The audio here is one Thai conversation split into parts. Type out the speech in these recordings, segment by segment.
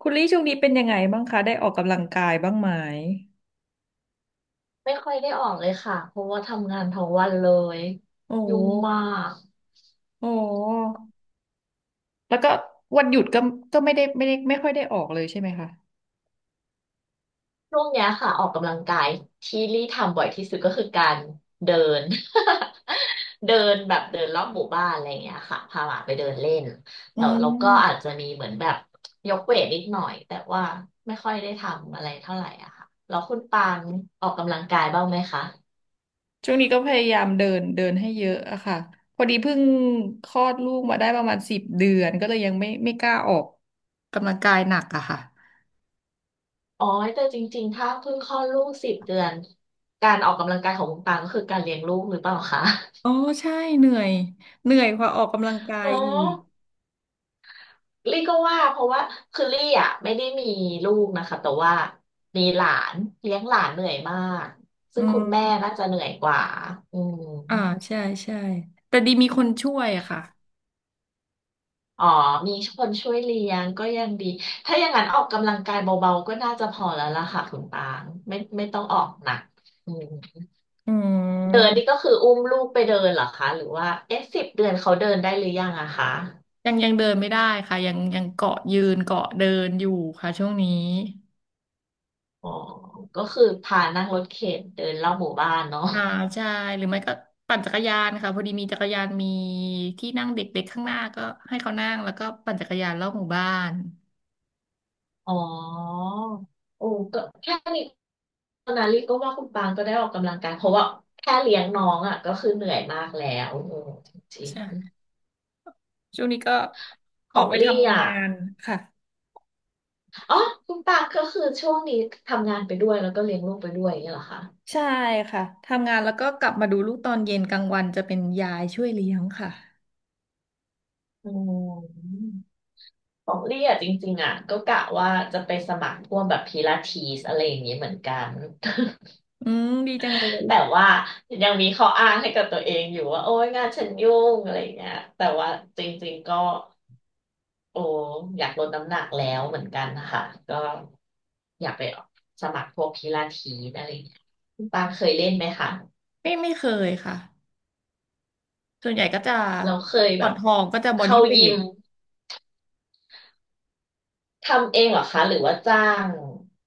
คุณลี่ช่วงนี้เป็นยังไงบ้างคะได้ออกกำลังกายบ้างไหมไม่ค่อยได้ออกเลยค่ะ เพราะว่าทำงานทั้งวันเลยโอ้ยุ่โหงมากโอ้โหแล้วก็วันหยุดก็ก็ไม่ค่อยได้ออกเลยใช่ไหมคะช่วงเนี้ยค่ะออกกำลังกายที่ลี่ทำบ่อยที่สุดก็คือการเดิน เดินแบบเดินรอบหมู่บ้านอะไรอย่างเงี้ยค่ะพาหมาไปเดินเล่นอืแล้วเราก็อามจจะมีเหมือนแบบยกเวทนิดหน่อยแต่ว่าไม่ค่อยได้ทำอะไรเท่าไหร่อะค่ะแล้วคุณปางออกกำลังกายบ้างไหมคะช่วงนี้ก็พยายามเดินเดินให้เยอะอะค่ะพอดีเพิ่งคลอดลูกมาได้ประมาณ10 เดือนก็เลยยังไม่กล้าออกกำลังกายหนักอะค่ะอ๋อแต่จริงๆถ้าเพิ่งคลอดลูกสิบเดือนการออกกำลังกายของคุณปางก็คือการเลี้ยงลูกหรือเปล่าคะ อ๋อใช่เหนื่อยเหนื่อยกว่าออกกำลังกายเนาะอีกลี่ก็ว่าเพราะว่าคือลี่อ่ะไม่ได้มีลูกนะคะแต่ว่ามีหลานเลี้ยงหลานเหนื่อยมากซึ่อืงคุณแม่มน่าจะเหนื่อยกว่าอืมอ่าใช่ใช่แต่ดีมีคนช่วยอะค่ะอ๋อมีคนช่วยเลี้ยงก็ยังดีถ้าอย่างนั้นออกกำลังกายเบาๆก็น่าจะพอแล้วล่ะค่ะคุณปางไม่ต้องออกหนักอืมอืเดินนี่ก็ม คืออุ้มลูกไปเดินเหรอคะหรือว่าเอ๊ะสิบเดือนเขาเดินได้หรือยังอะคะยังเดินไม่ได้ค่ะยังเกาะยืนเกาะเดินอยู่ค่ะช่วงนี้อ๋อก็คือพานั่งรถเข็นเดินรอบหมู่บ้านเนาะ อ่าใช่หรือไม่ก็ปั่นจักรยานค่ะพอดีมีจักรยานมีที่นั่งเด็กๆข้างหน้าก็ให้เขานั่งแล้วก็ปั่นจักรยานรอบหมู่บ้านอ๋อโอ้ก็แค่นี้ตอนนั้นลิก็ว่าคุณปางก็ได้ออกกำลังกายเพราะว่าแค่เลี้ยงน้องอ่ะก็คือเหนื่อยมากแล้วโอ้จริงใช่ช่วงนี้ก็ๆขอออกงไปลี่ทำอ่ะงานค่ะอ๋อคุณปางก็คือช่วงนี้ทำงานไปด้วยแล้วก็เลี้ยงลูกไปด้วยอย่างเงี้ยเหรอคะใช่ค่ะทำงานแล้วก็กลับมาดูลูกตอนเย็นกลางวันจะเป็นยายช่วยเลี้ยงค่ะอืมของลี่อ่ะจริงๆอ่ะก็กะว่าจะไปสมัครพวกแบบพิลาทิสอะไรอย่างนี้เหมือนกัน อืมดีจังเลยแต่ว่ายังมีข้ออ้างให้กับตัวเองอยู่ว่าโอ๊ยงานฉันยุ่งอะไรอย่างเงี้ยแต่ว่าจริงๆก็ โอ้อยากลดน้ำหนักแล้วเหมือนกันค่ะก็อยากไปสมัครพวกพิลาทิสอะไรอย่างเงี้ยคุณปางเคยเล่นไหมคะ ไม่เคยค่ะส่วนใหญ่ก็จะเราเคยก่แบอนบทองก็จะบอเข้าดี้เวยิท มทำเองเหรอคะหรือว่าจ้าง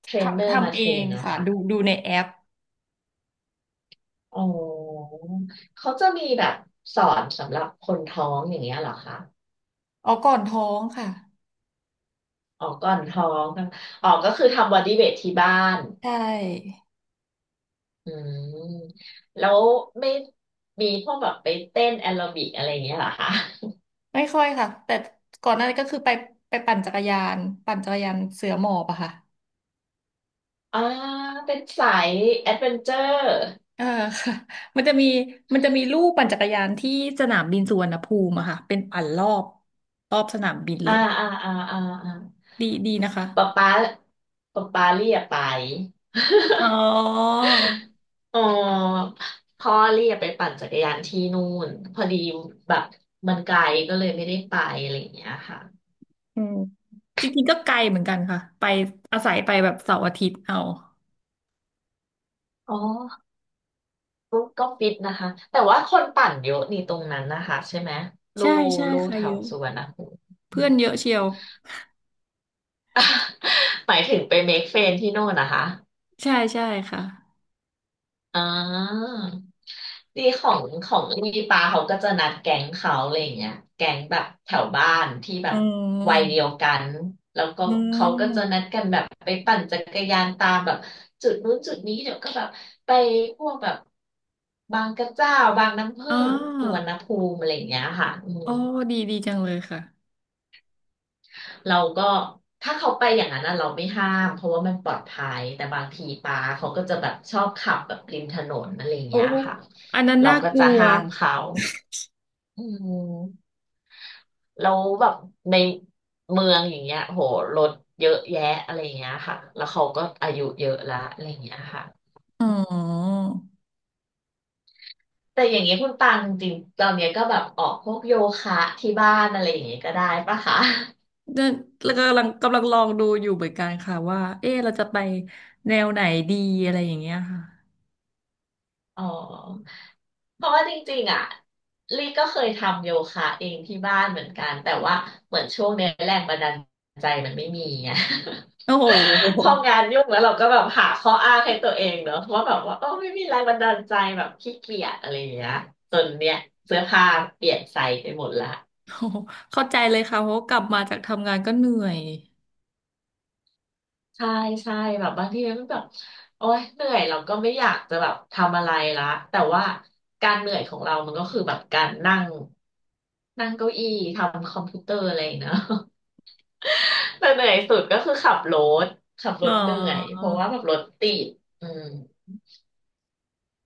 เทรนเนอทำร์มาทำเทเอรงนนะค่ะคะดูในแอปอ๋อเขาจะมีแบบสอนสำหรับคนท้องอย่างเงี้ยเหรอคะอ๋อก่อนท้องค่ะอ๋อก่อนท้องกันอ๋อก็คือทำบอดี้เวทที่บ้านใช่อืมแล้วไม่มีพวกแบบไปเต้นแอโรบิกอะไรอย่างเงี้ยเหรอคะ ไม่ค่อยค่ะแต่ก่อนหน้านี้ก็คือไปปั่นจักรยานเสือหมอบอะค่ะอ่าเป็นสายแอดเวนเจอร์เออ ค่ะมันจะมีมันจะมีลู่ปั่นจักรยานที่สนามบินสุวรรณภูมิอะค่ะเป็นปั่นรอบสนามบินเลอ่ายอ่าอ่าอ่าอ่าดีดีนะคะป๊าป๊าป๊าป๊าเรียกไป อ๋อ อ๋อพ่อเรียกไปปั่นจักรยานที่นู่นพอดีแบบมันไกลก็เลยไม่ได้ไปอะไรอย่างเงี้ยค่ะอืมจริงๆก็ไกลเหมือนกันค่ะไปอาศัยไปแบบเสาร์อาทิตย์เอาอ๋อก็ฟิตนะคะแต่ว่าคนปั่นเยอะนี่ตรงนั้นนะคะใช่ไหมลู่ใช่ใช่ลู่ค่ะแถเยวอะสุวรรณภูมิ อืเพื่ม อนเยอะเชียว หมายถึงไปเมคเฟรนที่โน่นนะคะ ใช่ใช่ค่ะ อ่าทีของของมีปาเขาก็จะนัดแก๊งเขาอะไรอย่างเงี้ยแก๊งแบบแถวบ้านที่แบอืบวัยเดียวมกัน แล้วก็อืเขาก็จะนัมดกันแบบไปปั่นจักรยานตามแบบจุดนู้นจุดนี้เดี๋ยวก็แบบไปพวกแบบบางกระเจ้าบางน้ำอ๋ผึ้งสุวรอรณภูมิอะไรอย่างเงี้ยค่ะอืม โอ้ดีดีจังเลยค่ะเราก็ถ้าเขาไปอย่างนั้นน่ะเราไม่ห้ามเพราะว่ามันปลอดภัยแต่บางทีปาเขาก็จะแบบชอบขับแบบริมถนนอะไรอย่างโอ้เงี้ยค่ะอันนั้นเราน่าก็กลัจะวห้ามเขาอืมแล้วแบบในเมืองอย่างเงี้ยโหรถเยอะแยะอะไรอย่างเงี้ยค่ะแล้วเขาก็อายุเยอะละอะไรอย่างเงี้ยค่ะอืมแต่อย่างเงี้ยคุณตังจริงๆตอนเนี้ยก็แบบออกพวกโยคะที่บ้านอะไรอย่างเงี้ยก็ได้ปะคะ เนี่ยแล้วกำลังกำลังลองดูอยู่เหมือนกันค่ะว่าเอ๊ะเราจะไปแนวไหนดีอะไรอย่างเงี้ยค่ะอ๋อเพราะว่าจริงๆอ่ะลี่ก็เคยทำโยคะเองที่บ้านเหมือนกันแต่ว่าเหมือนช่วงเนี้ยแรงบันดาลใจมันไม่มีไง โอ้โห พอ งานยุ่งแล้วเราก็แบบหาข้ออ้างให้ตัวเองเนอะว่าแบบว่าเออไม่มีแรงบันดาลใจแบบขี้เกียจอะไรอย่างเงี้ยจนเนี่ยเสื้อผ้าเปลี่ยนไซส์ไปหมดละ โอ้โหเข้าใจเลยค่ะเพราะกลับมาจากทำงานก็เหนื่อยใช่ใช่แบบบางทีมันแบบโอ๊ยเหนื่อยเราก็ไม่อยากจะแบบทำอะไรละแต่ว่าการเหนื่อยของเรามันก็คือแบบการนั่งนั่งเก้าอี้ทำคอมพิวเตอร์อะไรอย่างเงี้ย เนอะ แต่เหนื่อยสุดก็คือขับรถขับรอ๋ถเหนื่อยอเพราะว่าแบบรถติดอืม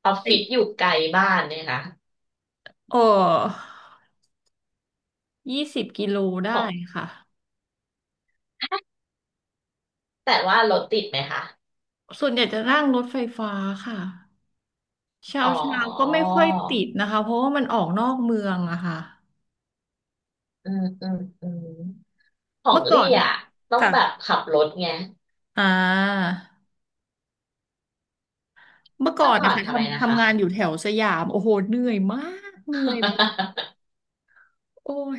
ออฟฟิศไออยู่ไกลบ้านเนี่ยนะโอ้20 กิโลได้ของค่ะแต่ว่ารถติดไหมคะส่วนใหญ่จะนั่งรถไฟฟ้าค่ะ เช้าอ๋อเช้าก็ไม่ค่อยติดนะคะเพราะว่ามันออกนอกเมืองอะค่ะอืมอืมอืมขอเมื่งอก่ลี่อนอ่ะต้องค่ะแบบขับรถไงอ่าเมื่อก่อเมื่อนก่อนะนคะทำไมทำนะคะ ทำงานอยู่แถวสยามโอ้โหเหนื่อยมากเหนื่อยแบบ โอ้ย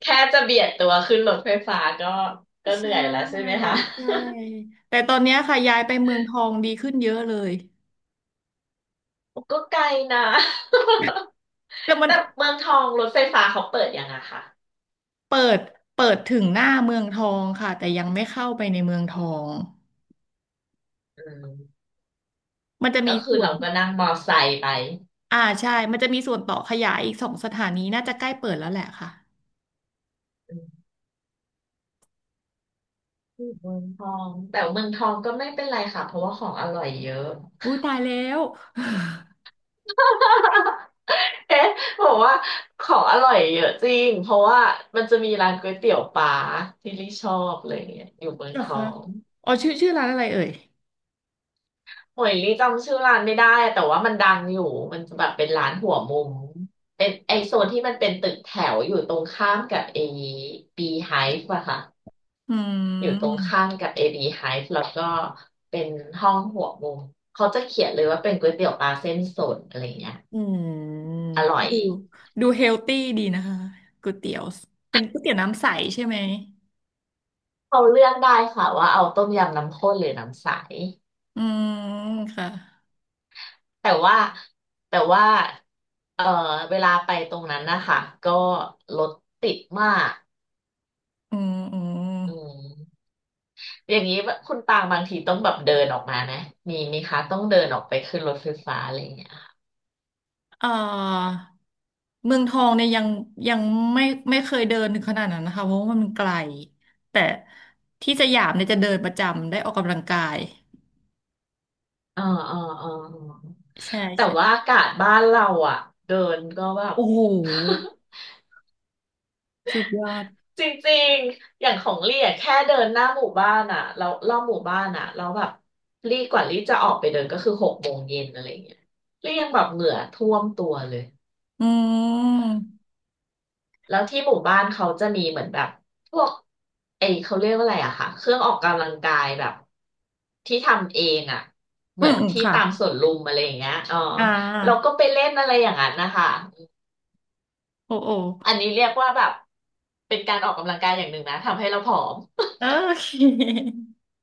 แค่จะเบียดตัวขึ้นรถไฟฟ้าก็ก็ เหนื่อใช่ยแล้วใช่ไหมคะ ใช่แต่ตอนเนี้ยค่ะย้ายไปเมืองทองดีขึ้นเยอะเลย ก็ไกลนะ แต่มั นแต่เมืองทองรถไฟฟ้าเขาเปิดยังอะค่ะเปิดเปิดถึงหน้าเมืองทองค่ะแต่ยังไม่เข้าไปในเมืองทองอืมมันจะมีก็คือส่วนเราก็นั่งมอไซค์ไปอ่าใช่มันจะมีส่วนต่อขยายอีก2 สถานีน่าจะใกล้เปิดแล้วแหละค่ะ อืมเมืองทองแต่เมืองทองก็ไม่เป็นไรค่ะเพราะว่าของอร่อยเยอะ อุ้ ยตายแล้ว เอ๊ะบอกว่าของอร่อยเยอะจริงเพราะว่ามันจะมีร้านก๋วยเตี๋ยวปลาที่ลิชอบเลยเนี่ยอยู่เมืองเหรอทอคะง อ๋อชื่อร้านอะไรเอ่ย โอ้ยลี่จำชื่อร้านไม่ได้อะแต่ว่ามันดังอยู่มันจะแบบเป็นร้านหัวมุมเป็นไอโซนที่มันเป็นตึกแถวอยู่ตรงข้ามกับเอบีไฮฟ์อะค่ะอือยู่ตรงข้ามมกับเอบีไฮฟ์แล้วก็เป็นห้องหัวมุมเขาจะเขียนเลยว่าเป็นก๋วยเตี๋ยวปลาเส้นสดอะไรเงี้ยอืมอร่อยดูดูเฮลตี้ดีนะคะก๋วยเตี๋ยวเป็นก๋วยเตี๋ยวน้ำใสใช่ไหม เขาเลือกได้ค่ะว่าเอาต้มยำน้ำข้นหรือน้ำใสอืม ค่ะ แต่ว่าแต่ว่าเออเวลาไปตรงนั้นนะคะก็รถติดมากอืมอืมอืม อย่างนี้ว่าคุณตางบางทีต้องแบบเดินออกมานะมีคะต้องเดินออกไปขึ้นรถไฟฟ้าอะไรอย่างเงี้ยเอ่อเมืองทองเนี่ยยังไม่ไม่เคยเดินถึงขนาดนั้นนะคะเพราะว่ามันไกล แต่ที่สยามเนี่ยจะเดินประจำได้ออกกำลังกาย อ๋ออ๋ออ๋ออ๋อใช่แต่ว่าใช่ อากาศบ้านเราอ่ะเดินก็แบบ โอ้โห สุดยอด จริงๆอย่างของลี่อะแค่เดินหน้าหมู่บ้านอ่ะเรารอบหมู่บ้านอ่ะแล้วแบบลี่กว่าลี่จะออกไปเดินก็คือ6 โมงเย็นอะไรอย่างเงี้ยลี่ยังแบบเหงื่อท่วมตัวเลย อืม แล้วที่หมู่บ้านเขาจะมีเหมือนแบบพวกไอเขาเรียกว่าอะไรอะค่ะเครื่องออกกำลังกายแบบที่ทำเองอะเหอืมืมอนอืมที่ค่ะ ตามสวนลุมอะไรอย่างเงี้ยอ๋ออ่าเราก็ไปเล่นอะไรอย่างนั้นนะคะโอโออันนี้เรียกว่าแบบเป็นการออกกำลังกายอย่างหนึ่งนะทำให้เราผอม โอเค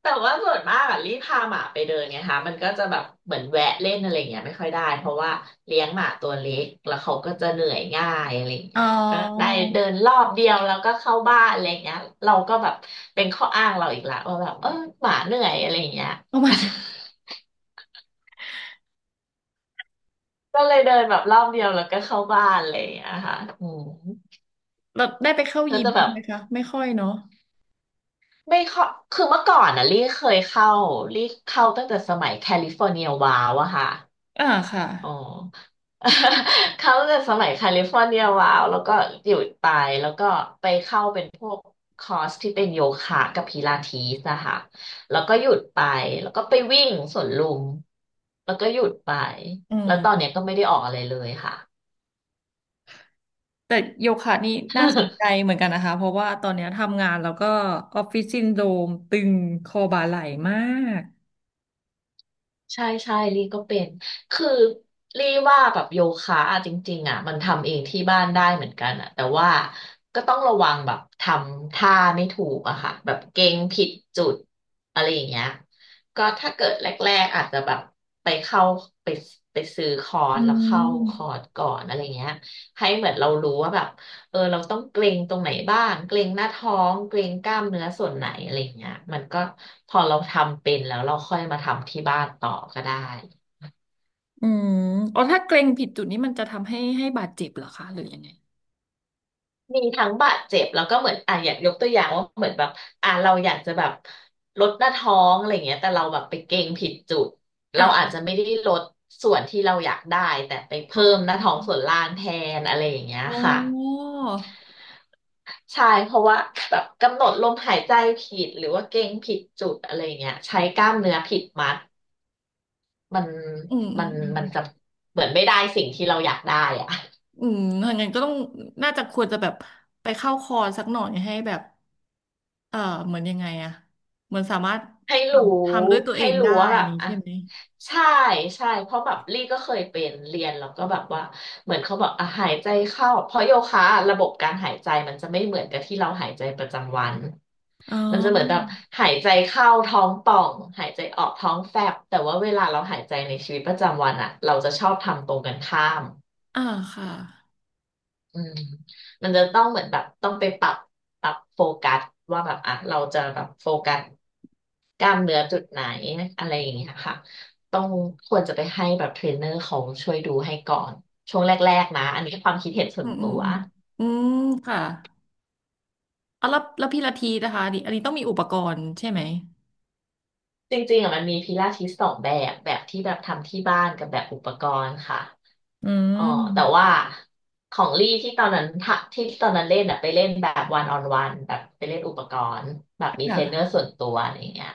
แต่ว่าส่วนมากอะรีบพาหมาไปเดินไงคะมันก็จะแบบเหมือนแวะเล่นอะไรอย่างเงี้ยไม่ค่อยได้เพราะว่าเลี้ยงหมาตัวเล็กแล้วเขาก็จะเหนื่อยง่ายอะไรอย่างอ๋อเงี้ยก็ได้เดินรอบเดียวแล้วก็เข้าบ้านอะไรอย่างเงี้ยเราก็แบบเป็นข้ออ้างเราอีกละว่าแบบหมาเหนื่อยอะไรอย่างเงี้ย ประมาณนี้ ก็เลยเดินแบบรอบเดียวแล้วก็เข้าบ้านอะไรอย่างเงี้ยค่ะอืมเราได้ไปเข้าก็ยิมจะแบบ้างบไหมคะไม่ค่อยเนาะไม่เข้าคือเมื่อก่อนอ่ะลี่เคยเข้าลี่เข้าตั้งแต่สมัยแคลิฟอร์เนียวาวอะค่ะ อ่าค่ะอ๋อ เขาจะสมัยแคลิฟอร์เนียวาวแล้วก็หยุดไปแล้วก็ไปเข้าเป็นพวกคอร์สที่เป็นโยคะกับพิลาทิสนะคะแล้วก็หยุดไปแล้วก็ไปวิ่งสวนลุมแล้วก็หยุดไปอืแล้วตอนมเนี้ยก็ไม่ได้ออกอะไรเลยค่ะ แต่โยคะนี่น่าสนใจ เหมือนกันนะคะเพราะว่าตอนเนี้ยทำงานแล้วก็ออฟฟิศซินโดรมตึงคอบ่าไหล่มากใช่ใช่ลี่ก็เป็น คือลี่ว่าแบบโยคะอะจริงๆอ่ะมันทำเองที่บ้านได้เหมือนกันอ่ะแต่ว่าก็ต้องระวังแบบทำท่าไม่ถูกอะค่ะแบบเกร็งผิดจุดอะไรอย่างเงี้ยก็ถ้าเกิดแรกๆอาจจะแบบไปเข้าไปไปซื้อคอร์อืสแล้วเข้าคอมร์สก่อนอะไรเงี้ยให้เหมือนเรารู้ว่าแบบ เราต้องเกรงตรงไหนบ้างเกรงหน้าท้องเกรงกล้ามเนื้อส่วนไหนอะไรอย่างเงี้ยมันก็พอเราทำเป็นแล้วเราค่อยมาทำที่บ้านต่อก็ได้อืมอ๋อถ้าเกร็งผิดจุดนี้มันจะทำให้บาดเจ็บเหรอคะหรือยังไงมีทั้งบาดเจ็บแล้วก็เหมือนอ่ะอยากยกตัวอย่างว่าเหมือนแบบอ่ะเราอยากจะแบบลดหน้าท้องอะไรเงี้ยแต่เราแบบไปเกรงผิดจุดเราอ่ะอาจจะไม่ได้ลดส่วนที่เราอยากได้แต่ไปอ๋เพิ่อมหน้าท้องส่วนล่างแทนอะไรอย่างเงี้ยอ๋ค่ะอใช่เพราะว่าแบบกำหนดลมหายใจผิดหรือว่าเกรงผิดจุดอะไร่าเงี้ยใช้กล้ามเนื้อผิดมัด มันอืมอืมัมนอืม มันจะเหมือนไม่ได้สิ่งที่เราอยากได้อะ อืมถ้างั้นก็ต้อง น่าจะควรจะแบบ ไปเข้าคอร์สสักหน่อยให้แบบเออเหมือนยังไงอะเหมือนสามารถ ให้ทรู้ำทำด้วยตัวเอให้งรู้ได้ว่าอแบย่าบงนี้อ่ะใช่ไหม ใช่ใช่เพราะแบบลี่ก็เคยเป็นเรียนแล้วก็แบบว่าเหมือนเขาบอกอ่ะหายใจเข้าเพราะโยคะอะระบบการหายใจมันจะไม่เหมือนกับที่เราหายใจประจำวันอ๋อมันจะเหมือนแบบหายใจเข้าท้องป่องหายใจออกท้องแฟบแต่ว่าเวลาเราหายใจในชีวิตประจำวันอ่ะเราจะชอบทำตรงกันข้าม อ่าค่ะ อืมมันจะต้องเหมือนแบบต้องไปปรับปรับโฟกัสว่าแบบอ่ะเราจะแบบโฟกัสกล้ามเนื้อจุดไหนอะไรอย่างเงี้ยค่ะต้องควรจะไปให้แบบเทรนเนอร์เขาช่วยดูให้ก่อนช่วงแรกๆนะอันนี้ความคิดเห็นส่อืวนมอืตัมวอืมอืมค่ะเอาแล้วแล้วพี่ละทีนะคะอันนี้ต้องมีอุปกรณ์ใช่ไหม จริงๆอ่ะมันมีพิลาทิสสองแบบแบบที่แบบทำที่บ้านกับแบบอุปกรณ์ค่ะ อือ๋อแต่มว่าของลี่ที่ตอนนั้นเล่นอะไปเล่นแบบวันออนวันแบบไปเล่นอุปกรณ์แบบมีเทรนเนอร์ค่ะส่วนตัวอะไรอย่างเงี้ย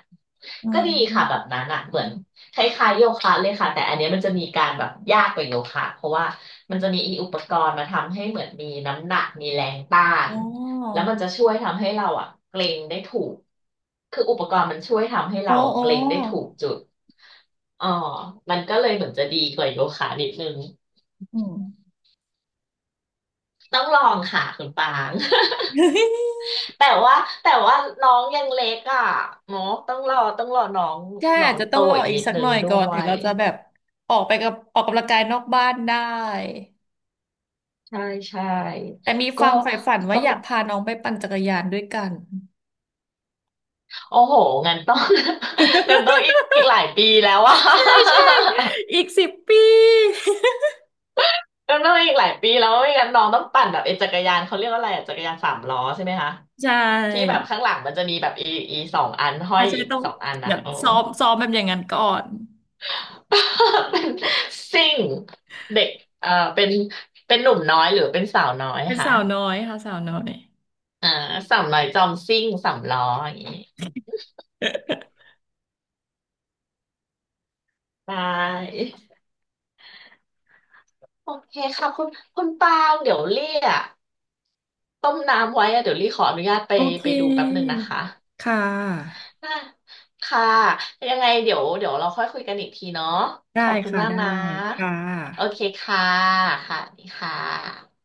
อ๋อ ก็ดีค่ะแบบนั้นอะเหมือนคล้ายๆโยคะเลยค่ะแต่อันเนี้ยมันจะมีการแบบยากกว่าโยคะเพราะว่ามันจะมีอีอุปกรณ์มาทำให้เหมือนมีน้ำหนักมีแรงต้าอ๋นอ แล้วมันจะช่วยทำให้เราอะเกร็งได้ถูกคืออุปกรณ์มันช่วยทำให้อ๋อเราอะอ๋อเกร็งได้ถูกจุดอ๋อมันก็เลยเหมือนจะดีกว่าโยคะนิดนึง อืม ต้องลองค่ะคุณปาง แต่ว่าแต่ว่าน้องยังเล็กอ่ะเนาะต้องรอต้องรอน้องใช่น้ออาจงจะโตต้องรออีกอีกนิดสักนึหน่งอยด้ก่อนวถึงยเราจะแบบออกไปกับออกกำลังกายนอกบ้านได้ใช่ใช่แต่มีคก็วามใฝ่ฝันว่าต้อองยากพาน้องไปปั่นจักรยานด้วยกัน โอ้โหงั้นต้อง งั้นต้องอีก หลายปีแล้วอ่ะ ใช่ใช่ อีก10 ปี งั้นต้องอีกหลายปีแล้วไม่งั้นน้องต้องปั่นแบบไอ้จักรยานเขาเรียกว่าอะไรอะจักรยานสามล้อใช่ไหมคะ ใชที่แบ่บข้างหลังมันจะมีแบบอีอีสองอันห้ออายจจะอีกต้องสองอันอ่ะเดี๋ยวโอ้ ซ้อมแบบอย่างนั้นก่อน เป็นซิ่งเด็กเอ่อเป็นเป็นหนุ่มน้อยหรือเป็นสาวน้อยเป็นคะสาวน้อยค่ะสาวน้อย อ่าสาวน้อยจอมซิ่งสามล้ออย่างนี้ ได้โอเคค่ะคุณคุณปางเดี๋ยวลี่กต้มน้ำไว้อะเดี๋ยวลี่ขออนุญาตไปโอเคไปดูแป๊บหนึ่งนะคะค่ะอ่าค่ะยังไงเดี๋ยวเดี๋ยวเราค่อยคุยกันอีกทีเนาะขได้อบคุณค่ะมากได้นะค่โอเคะค่ะค่ะสวัสดีค่ะ